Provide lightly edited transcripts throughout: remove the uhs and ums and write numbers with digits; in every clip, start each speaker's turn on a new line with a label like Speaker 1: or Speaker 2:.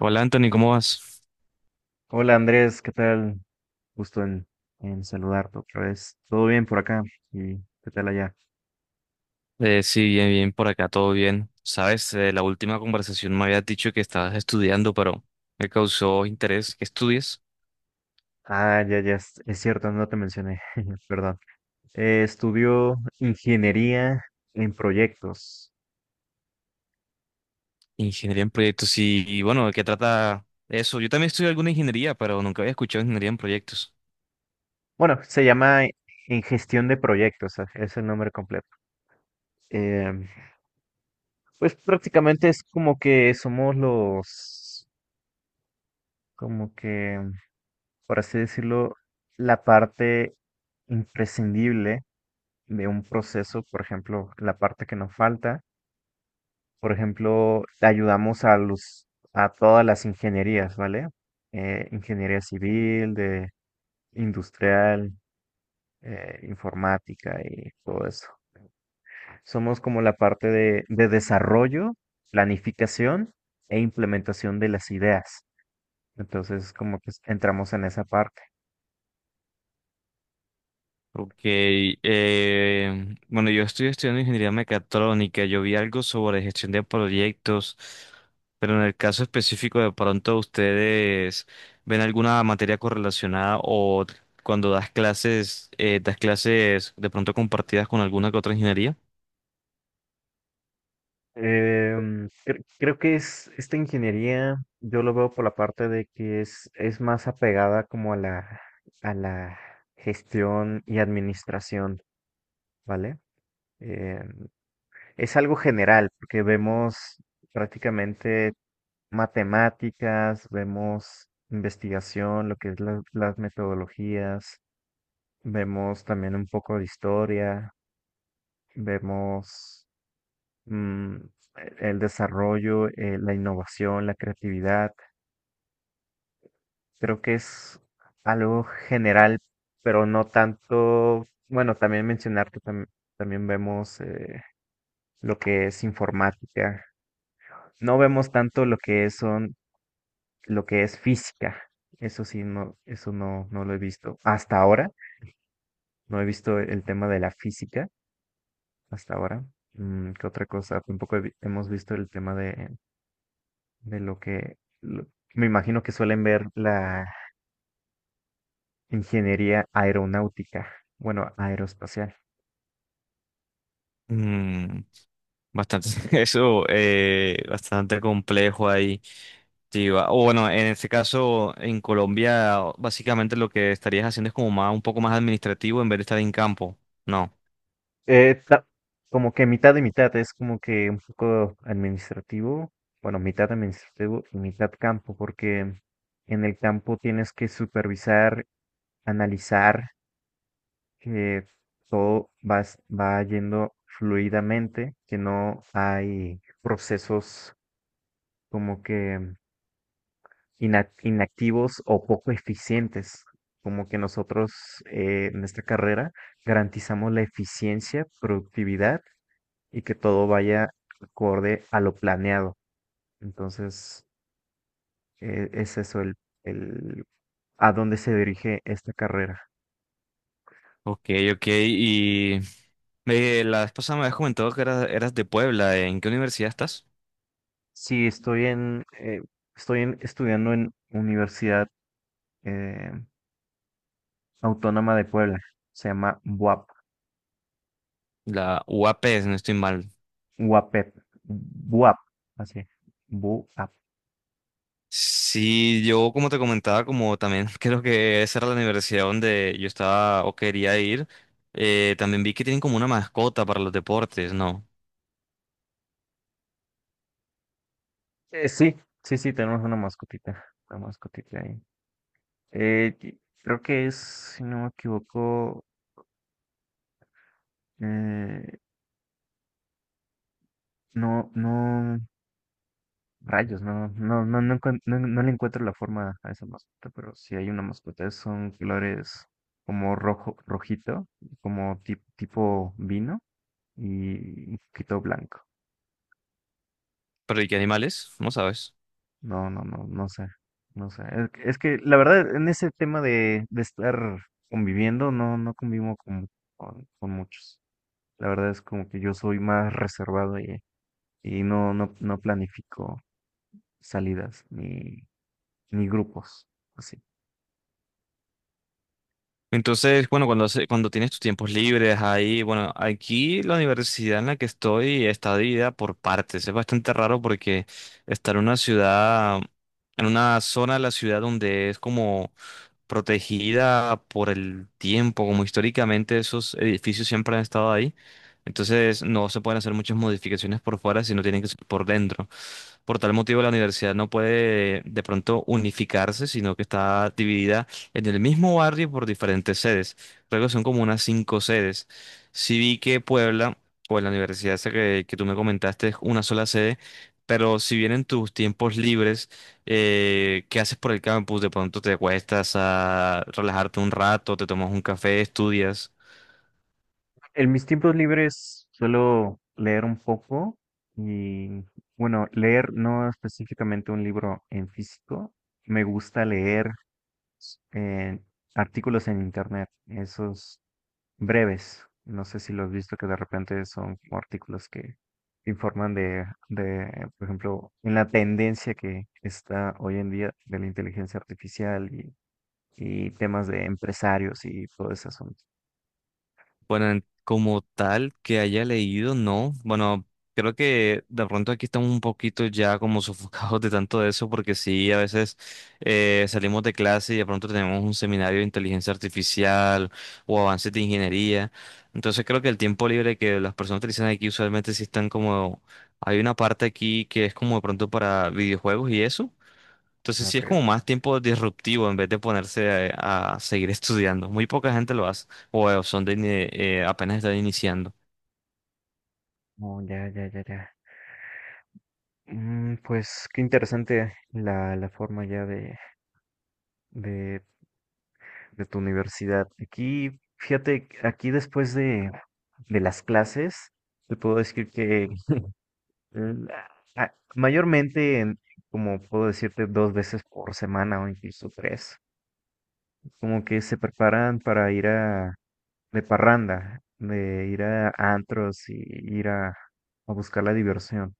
Speaker 1: Hola Anthony, ¿cómo vas?
Speaker 2: Hola Andrés, ¿qué tal? Gusto en saludarte otra vez. ¿Todo bien por acá? ¿Y qué tal allá?
Speaker 1: Sí, bien, bien, por acá todo bien. Sabes, la última conversación me habías dicho que estabas estudiando, pero me causó interés que estudies
Speaker 2: Ah, ya, ya, es cierto, no te mencioné, perdón. Estudió ingeniería en proyectos.
Speaker 1: ingeniería en proyectos y bueno, ¿de qué trata eso? Yo también estudio alguna ingeniería, pero nunca había escuchado ingeniería en proyectos.
Speaker 2: Bueno, se llama en gestión de proyectos, ah, es el nombre completo. Em, pues prácticamente es como que somos los, como que, por así decirlo, la parte imprescindible de un proceso, por ejemplo, la parte que nos falta. Por ejemplo, ayudamos a los, a todas las ingenierías, ¿vale? Ingeniería civil, de industrial, informática y todo eso. Somos como la parte de desarrollo, planificación e implementación de las ideas. Entonces, como que entramos en esa parte.
Speaker 1: Ok, bueno, yo estoy estudiando ingeniería mecatrónica. Yo vi algo sobre gestión de proyectos, pero en el caso específico de pronto ustedes ven alguna materia correlacionada o cuando das clases de pronto compartidas con alguna que otra ingeniería.
Speaker 2: Creo que es esta ingeniería, yo lo veo por la parte de que es más apegada como a la gestión y administración, ¿vale? Em, es algo general, porque vemos prácticamente matemáticas, vemos investigación, lo que es las metodologías, vemos también un poco de historia, vemos mm, el desarrollo, la innovación, la creatividad. Creo que es algo general, pero no tanto, bueno, también mencionar que también vemos lo que es informática. No vemos tanto lo que es, son, lo que es física. Eso sí, no, eso no, no lo he visto. Hasta ahora, no he visto el tema de la física hasta ahora. Mm, ¿qué otra cosa? Tampoco hemos visto el tema de lo que lo- me imagino que suelen ver la ingeniería aeronáutica, bueno, aeroespacial.
Speaker 1: Mm, bastante, eso, bastante complejo ahí. Sí, o bueno, en este caso, en Colombia, básicamente lo que estarías haciendo es como más, un poco más administrativo en vez de estar en campo. No.
Speaker 2: Eh, ta- Como que mitad y mitad, es como que un poco administrativo, bueno, mitad administrativo y mitad campo, porque en el campo tienes que supervisar, analizar que todo va, va yendo fluidamente, que no hay procesos como que inactivos o poco eficientes. Como que nosotros en esta carrera garantizamos la eficiencia, productividad y que todo vaya acorde a lo planeado. Entonces, es eso el a dónde se dirige esta carrera.
Speaker 1: Ok, ok. Y la vez pasada me habías comentado que eras, eras de Puebla. ¿En qué universidad estás?
Speaker 2: Sí, estudiando en Universidad eh, Autónoma de Puebla. Se llama BUAP,
Speaker 1: La UAP, si no estoy mal.
Speaker 2: UAPEP, BUAP, así, BUAP.
Speaker 1: Sí, yo como te comentaba, como también creo que esa era la universidad donde yo estaba o quería ir. También vi que tienen como una mascota para los deportes, ¿no?
Speaker 2: Sí, sí, sí, tenemos una mascotita ahí. Y creo que es, si no me equivoco, eh, no, no, rayos, no, no, no, no, no, no le encuentro la forma a esa mascota, pero sí hay una mascota, son colores como rojo, rojito, como tipo vino y un poquito blanco.
Speaker 1: Pero ¿y qué animales? No sabes.
Speaker 2: No, no, no, no sé, no sé. Es que, la verdad, en ese tema de estar conviviendo, no, no convivo con muchos. La verdad es como que yo soy más reservado y no, no, no planifico salidas ni, ni grupos. Así.
Speaker 1: Entonces, bueno, cuando, cuando tienes tus tiempos libres ahí, bueno, aquí la universidad en la que estoy está dividida por partes. Es bastante raro porque estar en una ciudad, en una zona de la ciudad donde es como protegida por el tiempo, como históricamente esos edificios siempre han estado ahí. Entonces no se pueden hacer muchas modificaciones por fuera, sino tienen que ser por dentro. Por tal motivo, la universidad no puede de pronto unificarse, sino que está dividida en el mismo barrio por diferentes sedes. Creo que son como unas cinco sedes. Sí vi que Puebla, o la universidad esa que tú me comentaste, es una sola sede, pero si bien en tus tiempos libres ¿qué haces por el campus? De pronto te acuestas a relajarte un rato, te tomas un café, estudias.
Speaker 2: En mis tiempos libres suelo leer un poco y, bueno, leer no específicamente un libro en físico. Me gusta leer eh, artículos en internet. Esos breves. No sé si lo has visto que de repente son como artículos que informan de, por ejemplo, en la tendencia que está hoy en día de la inteligencia artificial y temas de empresarios y todo ese asunto.
Speaker 1: Bueno, como tal que haya leído, no. Bueno, creo que de pronto aquí estamos un poquito ya como sofocados de tanto de eso, porque sí, a veces salimos de clase y de pronto tenemos un seminario de inteligencia artificial o avances de ingeniería. Entonces creo que el tiempo libre que las personas utilizan aquí usualmente sí están como... Hay una parte aquí que es como de pronto para videojuegos y eso. Entonces sí es
Speaker 2: Ok.
Speaker 1: como más tiempo disruptivo en vez de ponerse a seguir estudiando. Muy poca gente lo hace o son de, apenas están iniciando.
Speaker 2: Oh, ya, ya, ya, ya. Mm, pues qué interesante la forma ya de, de tu universidad. Aquí, fíjate, aquí después de las clases, te puedo decir que mm, ah, mayormente, como puedo decirte, dos veces por semana o incluso tres, como que se preparan para ir a de parranda, de ir a antros y ir a buscar la diversión.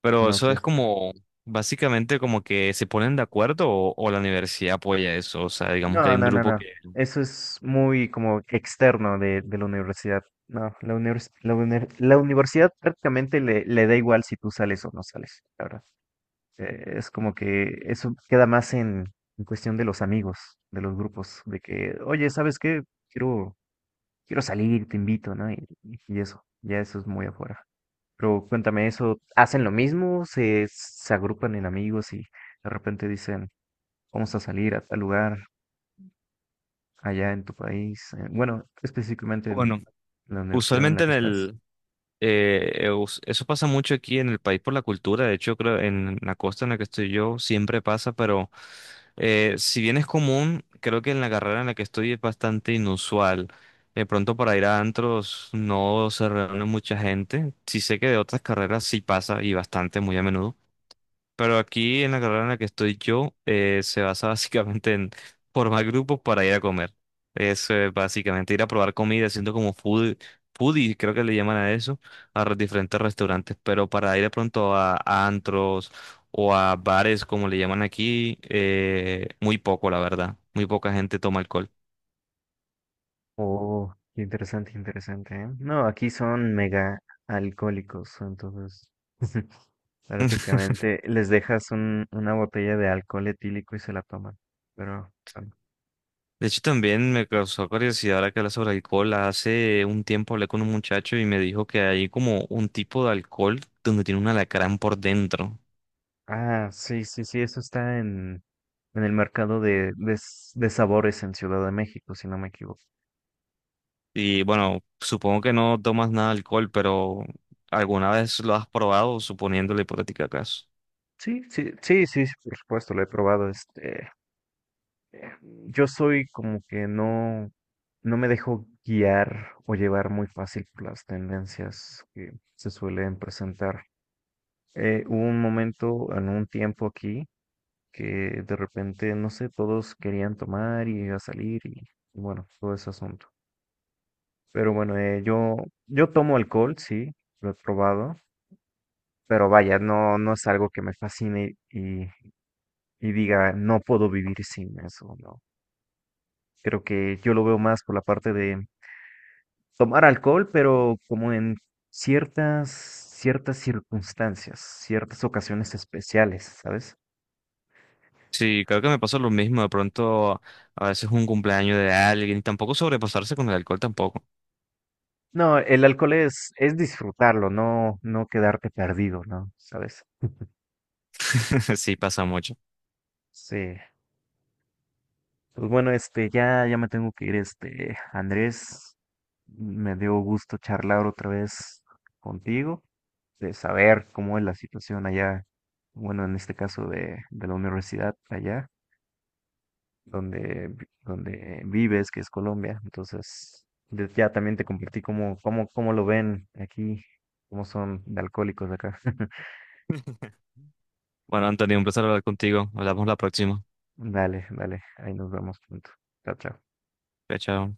Speaker 1: Pero
Speaker 2: No
Speaker 1: eso
Speaker 2: sé.
Speaker 1: es como básicamente como que se ponen de acuerdo o la universidad apoya eso. O sea, digamos que
Speaker 2: No,
Speaker 1: hay un
Speaker 2: no, no,
Speaker 1: grupo
Speaker 2: no.
Speaker 1: que,
Speaker 2: Eso es muy como externo de la universidad. No, la universidad prácticamente le da igual si tú sales o no sales, la verdad. Es como que eso queda más en cuestión de los amigos, de los grupos, de que, oye, ¿sabes qué? Quiero, quiero salir, te invito, ¿no? Y eso, ya eso es muy afuera. Pero cuéntame eso, ¿hacen lo mismo? ¿Se, se agrupan en amigos y de repente dicen, vamos a salir a tal lugar allá en tu país? Bueno, específicamente en
Speaker 1: bueno,
Speaker 2: la universidad en la
Speaker 1: usualmente
Speaker 2: que
Speaker 1: en
Speaker 2: estás.
Speaker 1: el eso pasa mucho aquí en el país por la cultura. De hecho, creo en la costa en la que estoy yo siempre pasa, pero si bien es común, creo que en la carrera en la que estoy es bastante inusual. De pronto para ir a antros no se reúne mucha gente. Sí sé que de otras carreras sí pasa y bastante, muy a menudo. Pero aquí en la carrera en la que estoy yo se basa básicamente en formar grupos para ir a comer. Es básicamente ir a probar comida, siendo como foodie, creo que le llaman a eso, a los diferentes restaurantes. Pero para ir de pronto a antros o a bares, como le llaman aquí, muy poco, la verdad. Muy poca gente toma alcohol.
Speaker 2: Oh, qué interesante, interesante, ¿eh? No, aquí son mega alcohólicos, entonces. Prácticamente les dejas un, una botella de alcohol etílico y se la toman. Pero, bueno.
Speaker 1: De hecho, también me causó curiosidad ahora que hablas sobre alcohol. Hace un tiempo hablé con un muchacho y me dijo que hay como un tipo de alcohol donde tiene un alacrán por dentro.
Speaker 2: Ah, sí, sí, sí, eso está en el mercado de, de sabores en Ciudad de México, si no me equivoco.
Speaker 1: Y bueno, supongo que no tomas nada de alcohol, pero ¿alguna vez lo has probado, suponiendo la hipotética caso?
Speaker 2: Sí, sí, sí, sí, sí, por supuesto, lo he probado. Este, eh, yo soy como que no, no me dejo guiar o llevar muy fácil por las tendencias que se suelen presentar. Hubo un momento, en un tiempo aquí, que de repente, no sé, todos querían tomar y a salir y bueno, todo ese asunto. Pero bueno, yo, yo tomo alcohol, sí, lo he probado, pero vaya, no, no es algo que me fascine y diga, no puedo vivir sin eso, no. Creo que yo lo veo más por la parte de tomar alcohol, pero como en ciertas, ciertas circunstancias, ciertas ocasiones especiales, ¿sabes?
Speaker 1: Sí, creo que me pasa lo mismo. De pronto, a veces un cumpleaños de alguien, y tampoco sobrepasarse con el alcohol tampoco.
Speaker 2: No, el alcohol es disfrutarlo, no, no quedarte perdido, ¿no? ¿Sabes?
Speaker 1: Sí, pasa mucho.
Speaker 2: Sí. Pues bueno, este, ya, ya me tengo que ir, este, Andrés. Me dio gusto charlar otra vez contigo, de saber cómo es la situación allá, bueno, en este caso de la universidad allá, donde, donde vives, que es Colombia. Entonces, ya también te compartí cómo, cómo, cómo lo ven aquí, cómo son de alcohólicos acá.
Speaker 1: Bueno, Antonio, un placer hablar contigo. Hablamos la próxima.
Speaker 2: Dale, dale, ahí nos vemos pronto. Chao, chao.
Speaker 1: Chao, chao.